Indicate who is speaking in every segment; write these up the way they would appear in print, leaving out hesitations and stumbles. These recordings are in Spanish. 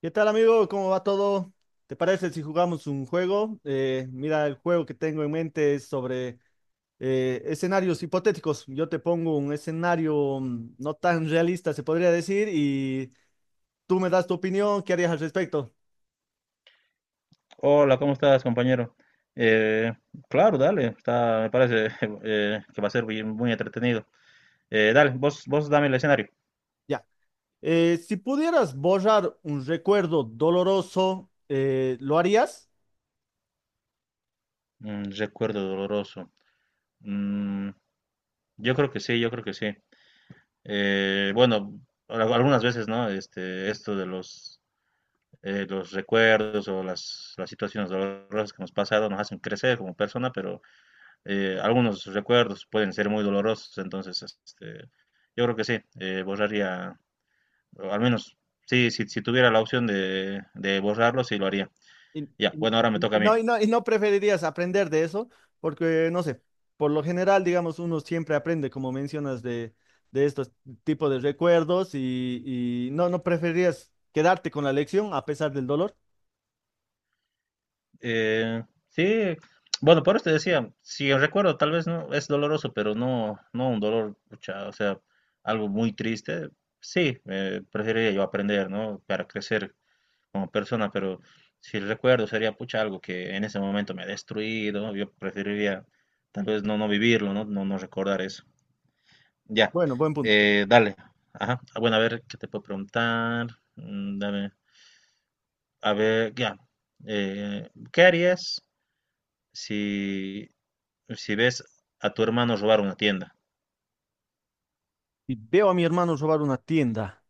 Speaker 1: ¿Qué tal, amigo? ¿Cómo va todo? ¿Te parece si jugamos un juego? Mira, el juego que tengo en mente es sobre escenarios hipotéticos. Yo te pongo un escenario no tan realista, se podría decir, y tú me das tu opinión. ¿Qué harías al respecto?
Speaker 2: Hola, ¿cómo estás, compañero? Eh, claro, dale, está, me parece que va a ser muy entretenido. Dale, vos dame el escenario.
Speaker 1: Ya. Si pudieras borrar un recuerdo doloroso, ¿lo harías?
Speaker 2: Mm, recuerdo doloroso. Mm, yo creo que sí. Bueno, algunas veces, ¿no? Este, los recuerdos o las situaciones dolorosas que hemos pasado nos hacen crecer como persona, pero algunos recuerdos pueden ser muy dolorosos, entonces, este, yo creo que sí, borraría. O al menos, sí, si tuviera la opción de borrarlo, sí lo haría.
Speaker 1: Y,
Speaker 2: Ya,
Speaker 1: y-
Speaker 2: bueno, ahora me toca
Speaker 1: y
Speaker 2: a mí.
Speaker 1: no, y no, y no preferirías aprender de eso, porque no sé, por lo general, digamos, uno siempre aprende, como mencionas, de estos tipos de recuerdos, y no, no preferirías quedarte con la lección a pesar del dolor.
Speaker 2: Eh, sí, bueno, por eso te decía, si recuerdo, tal vez no es doloroso, pero no, no un dolor, pucha, o sea, algo muy triste. Sí, preferiría yo aprender, ¿no? Para crecer como persona, pero si recuerdo sería, pucha, algo que en ese momento me ha destruido. Yo preferiría tal vez no, no vivirlo, ¿no? No, no recordar eso. Ya,
Speaker 1: Bueno, buen punto.
Speaker 2: dale. Ajá. Ah, bueno, a ver, ¿qué te puedo preguntar? Mm, dame. A ver, ya. ¿Qué harías si, si ves a tu hermano robar una tienda?
Speaker 1: Y veo a mi hermano robar una tienda.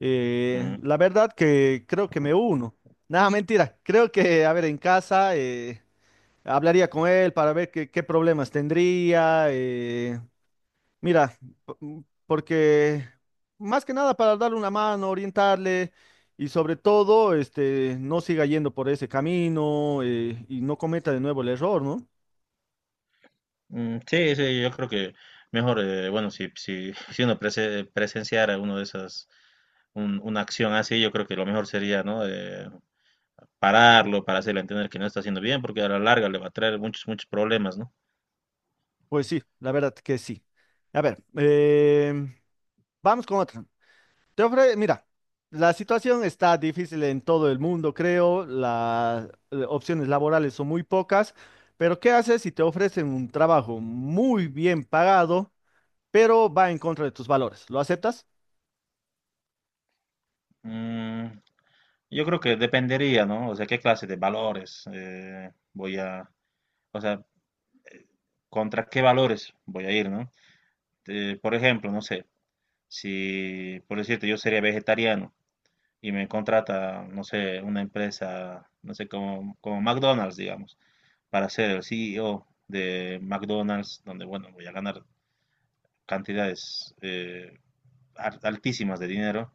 Speaker 2: Mm,
Speaker 1: La verdad que creo que me uno. Nada, mentira. Creo que, a ver, en casa hablaría con él para ver qué, qué problemas tendría. Mira, Porque más que nada para darle una mano, orientarle y sobre todo, este, no siga yendo por ese camino, y no cometa de nuevo el error, ¿no?
Speaker 2: mm, sí, sí, yo creo que mejor, bueno, si, si, si uno presenciara uno de esas, una acción así, yo creo que lo mejor sería, ¿no? Pararlo para hacerle entender que no está haciendo bien, porque a la larga le va a traer muchos, muchos problemas, ¿no?
Speaker 1: Pues sí, la verdad que sí. A ver, em, vamos con otra. Mira, la situación está difícil en todo el mundo, creo. Las opciones laborales son muy pocas, pero ¿qué haces si te ofrecen un trabajo muy bien pagado, pero va en contra de tus valores? ¿Lo aceptas?
Speaker 2: Mm, yo creo que dependería, ¿no? O sea, qué clase de valores voy a, o sea, contra qué valores voy a ir, ¿no? Por ejemplo, no sé, si, por decirte, yo sería vegetariano y me contrata, no sé, una empresa, no sé, como, como McDonald's, digamos, para ser el CEO de McDonald's, donde, bueno, voy a ganar cantidades altísimas de dinero,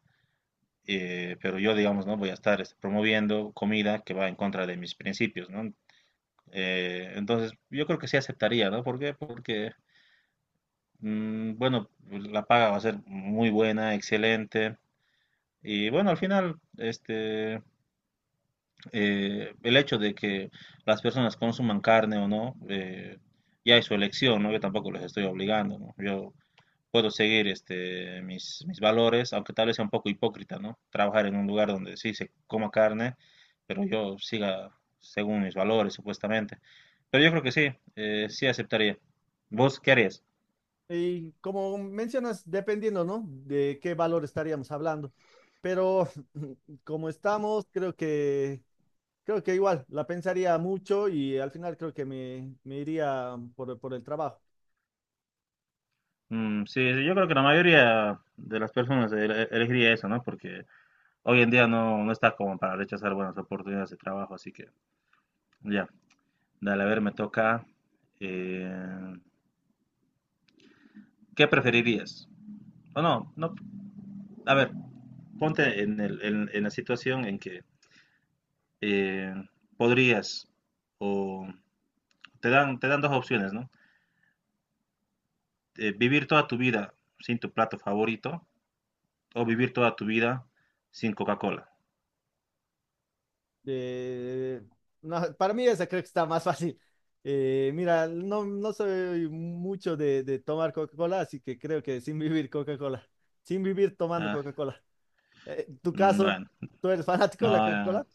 Speaker 2: pero yo, digamos, no voy a estar este, promoviendo comida que va en contra de mis principios, ¿no? Entonces, yo creo que sí aceptaría, ¿no? ¿Por qué? Porque, mm, bueno, pues, la paga va a ser muy buena, excelente. Y bueno, al final, este, el hecho de que las personas consuman carne o no, ya es su elección, ¿no? Yo tampoco les estoy obligando, ¿no? Yo puedo seguir este, mis valores, aunque tal vez sea un poco hipócrita, ¿no? Trabajar en un lugar donde sí se coma carne, pero yo siga según mis valores, supuestamente. Pero yo creo que sí, sí aceptaría. ¿Vos qué harías?
Speaker 1: Y como mencionas, dependiendo, ¿no? De qué valor estaríamos hablando. Pero como estamos, creo que igual, la pensaría mucho y al final creo que me iría por el trabajo.
Speaker 2: Mm, sí, sí, yo creo que la mayoría de las personas elegiría eso, ¿no? Porque hoy en día no, no está como para rechazar buenas oportunidades de trabajo, así que ya, dale, a ver, me toca. eh, ¿Qué preferirías? O no, no, a ver, ponte en, en la situación en que eh, podrías, o te dan dos opciones, ¿no? Vivir toda tu vida sin tu plato favorito o vivir toda tu vida sin Coca-Cola.
Speaker 1: Eh, no, para mí esa creo que está más fácil. Mira, no, no soy mucho de tomar Coca-Cola, así que creo que sin vivir tomando
Speaker 2: Ah,
Speaker 1: Coca-Cola. ¿Tu
Speaker 2: mm,
Speaker 1: caso?
Speaker 2: bueno,
Speaker 1: ¿Tú eres fanático de la
Speaker 2: no,
Speaker 1: Coca-Cola?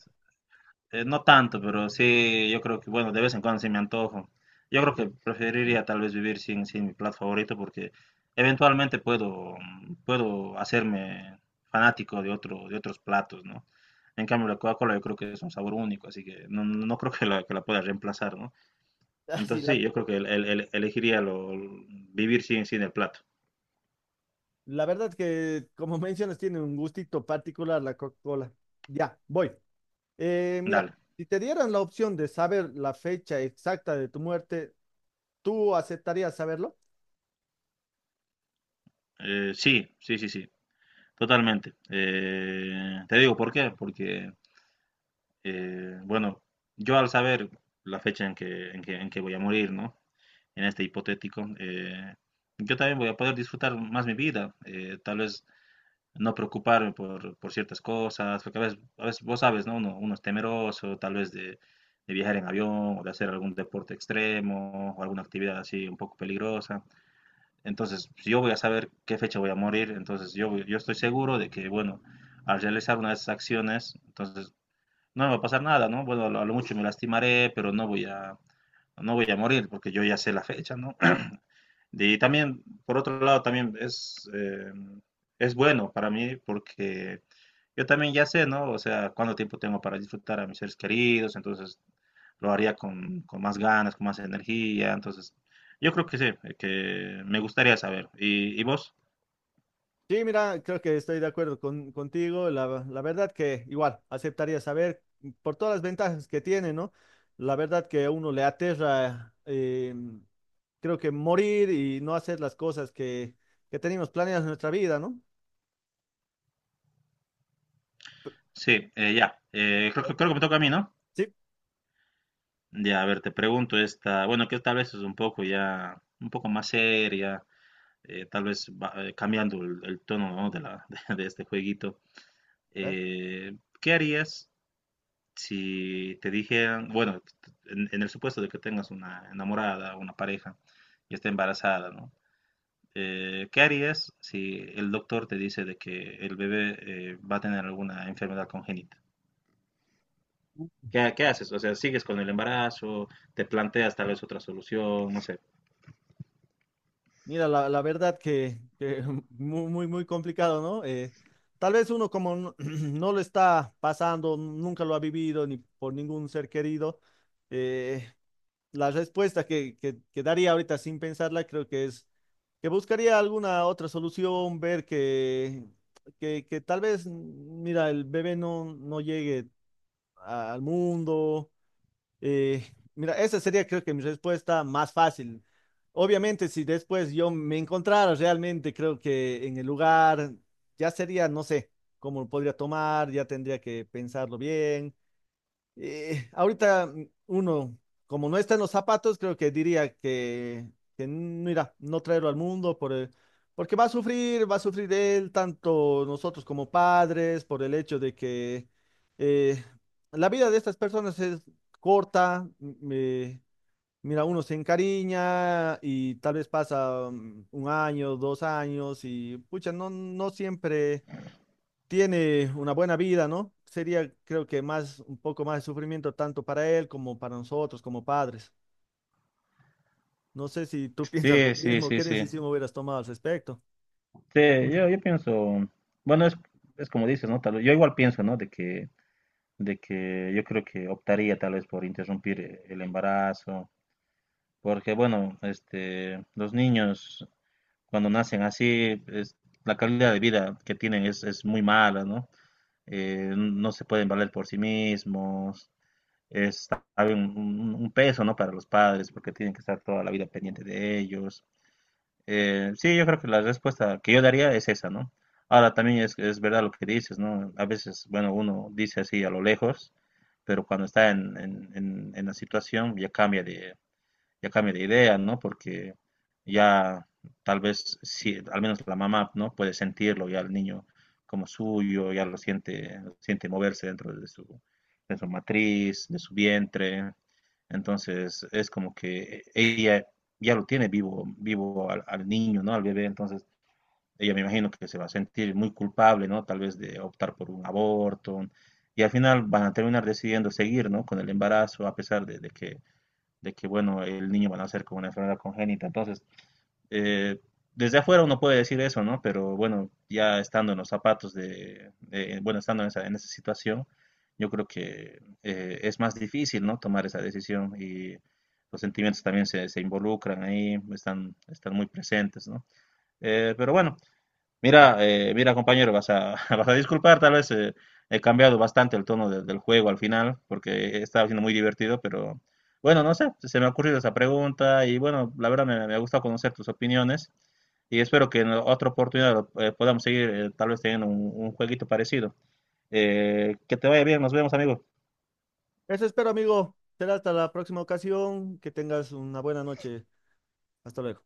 Speaker 2: No tanto, pero sí, yo creo que, bueno, de vez en cuando sí me antojo. Yo creo que preferiría tal vez vivir sin, sin mi plato favorito porque eventualmente puedo, mm, puedo hacerme fanático de otro, de otros platos, ¿no? En cambio, la Coca-Cola yo creo que es un sabor único, así que no, no creo que la pueda reemplazar, ¿no?
Speaker 1: Así,
Speaker 2: Entonces sí,
Speaker 1: la
Speaker 2: yo creo que elegiría lo, vivir sin, sin el plato.
Speaker 1: La verdad que, como mencionas, tiene un gustito particular la Coca-Cola. Ya, voy. Mira,
Speaker 2: Dale.
Speaker 1: si te dieran la opción de saber la fecha exacta de tu muerte, ¿tú aceptarías saberlo?
Speaker 2: Sí, sí, sí, sí, totalmente. Te digo por qué, porque bueno, yo al saber la fecha en que, en que, en que voy a morir, ¿no? En este hipotético, yo también voy a poder disfrutar más mi vida, tal vez no preocuparme por ciertas cosas, porque a veces vos sabes, ¿no? Uno, uno es temeroso, tal vez de viajar en avión o de hacer algún deporte extremo o alguna actividad así un poco peligrosa. Entonces, si yo voy a saber qué fecha voy a morir, entonces yo estoy seguro de que, bueno, al realizar una de esas acciones, entonces no me va a pasar nada, ¿no? Bueno, a lo mucho me lastimaré, pero no voy a, no voy a morir porque yo ya sé la fecha, ¿no? Y también, por otro lado, también es bueno para mí porque yo también ya sé, ¿no? O sea, cuánto tiempo tengo para disfrutar a mis seres queridos, entonces lo haría con más ganas, con más energía, entonces yo creo que sí, que me gustaría saber. Y vos?
Speaker 1: Sí, mira, creo que estoy de acuerdo contigo. La verdad que igual aceptaría saber por todas las ventajas que tiene, ¿no? La verdad que a uno le aterra, creo que morir y no hacer las cosas que tenemos planeadas en nuestra vida, ¿no?
Speaker 2: Sí, ya, creo, creo que me toca a mí, ¿no?
Speaker 1: Sí.
Speaker 2: Ya, a ver, te pregunto esta, bueno, que tal vez es un poco ya, un poco más seria, tal vez cambiando el tono, ¿no? De la, de, este jueguito.
Speaker 1: A ver.
Speaker 2: Eh, ¿Qué harías si te dijeran, bueno, en el supuesto de que tengas una enamorada, una pareja y está embarazada, ¿no? ¿Qué harías si el doctor te dice de que el bebé va a tener alguna enfermedad congénita? ¿Qué, qué haces? O sea, ¿sigues con el embarazo? ¿Te planteas tal vez otra solución? No sé.
Speaker 1: Mira, la verdad que muy, muy, muy complicado, ¿no? Tal vez uno como no, no lo está pasando, nunca lo ha vivido, ni por ningún ser querido. eh, la respuesta que daría ahorita sin pensarla creo que es que buscaría alguna otra solución. Ver que tal vez, mira, el bebé no, no llegue al mundo. Mira, esa sería creo que mi respuesta más fácil. Obviamente, si después yo me encontrara realmente, creo que en el lugar ya sería, no sé, cómo lo podría tomar, ya tendría que pensarlo bien. Ahorita uno, como no está en los zapatos, creo que diría que mira, no traerlo al mundo porque va a sufrir él, tanto nosotros como padres, por el hecho de que eh, la vida de estas personas es corta. Mira, uno se encariña y tal vez pasa un año, 2 años y pucha, no, no siempre tiene una buena vida, ¿no? Sería, creo que más, un poco más de sufrimiento tanto para él como para nosotros, como padres. No sé si tú piensas lo
Speaker 2: Sí, sí,
Speaker 1: mismo,
Speaker 2: sí,
Speaker 1: qué
Speaker 2: sí.
Speaker 1: decisión hubieras tomado al respecto.
Speaker 2: Sí, yo pienso, bueno, es como dices, ¿no? Tal, yo igual pienso, ¿no? De que yo creo que optaría tal vez por interrumpir el embarazo, porque bueno, este, los niños cuando nacen así, es, la calidad de vida que tienen es muy mala, ¿no? Eh, no se pueden valer por sí mismos, es tal vez un, un peso, ¿no? Para los padres, porque tienen que estar toda la vida pendiente de ellos. Sí, yo creo que la respuesta que yo daría es esa, ¿no? Ahora también es verdad lo que dices, ¿no? A veces, bueno, uno dice así a lo lejos, pero cuando está en, en la situación ya cambia de idea, ¿no? Porque ya tal vez, sí, al menos la mamá, ¿no? Puede sentirlo ya el niño como suyo, ya lo siente moverse dentro de su matriz, de su vientre. Entonces es como que ella ya lo tiene vivo, vivo al, al niño, ¿no? Al bebé. Entonces ella me imagino que se va a sentir muy culpable, ¿no? Tal vez de optar por un aborto. Y al final van a terminar decidiendo seguir, ¿no? Con el embarazo, a pesar de que, bueno, el niño va a nacer con una enfermedad congénita. Entonces, eh, desde afuera uno puede decir eso, ¿no? Pero bueno, ya estando en los zapatos de, bueno, estando en esa situación, yo creo que es más difícil, ¿no? Tomar esa decisión y los sentimientos también se involucran ahí, están, están muy presentes, ¿no? Pero bueno, mira, mira compañero, vas a, vas a disculpar, tal vez he cambiado bastante el tono del juego al final, porque estaba siendo muy divertido, pero bueno, no sé, se me ha ocurrido esa pregunta y bueno, la verdad me, me ha gustado conocer tus opiniones y espero que en otra oportunidad podamos seguir tal vez teniendo un jueguito parecido. Que te vaya bien, nos vemos, amigo.
Speaker 1: Eso espero, amigo. Será hasta la próxima ocasión. Que tengas una buena noche. Hasta luego.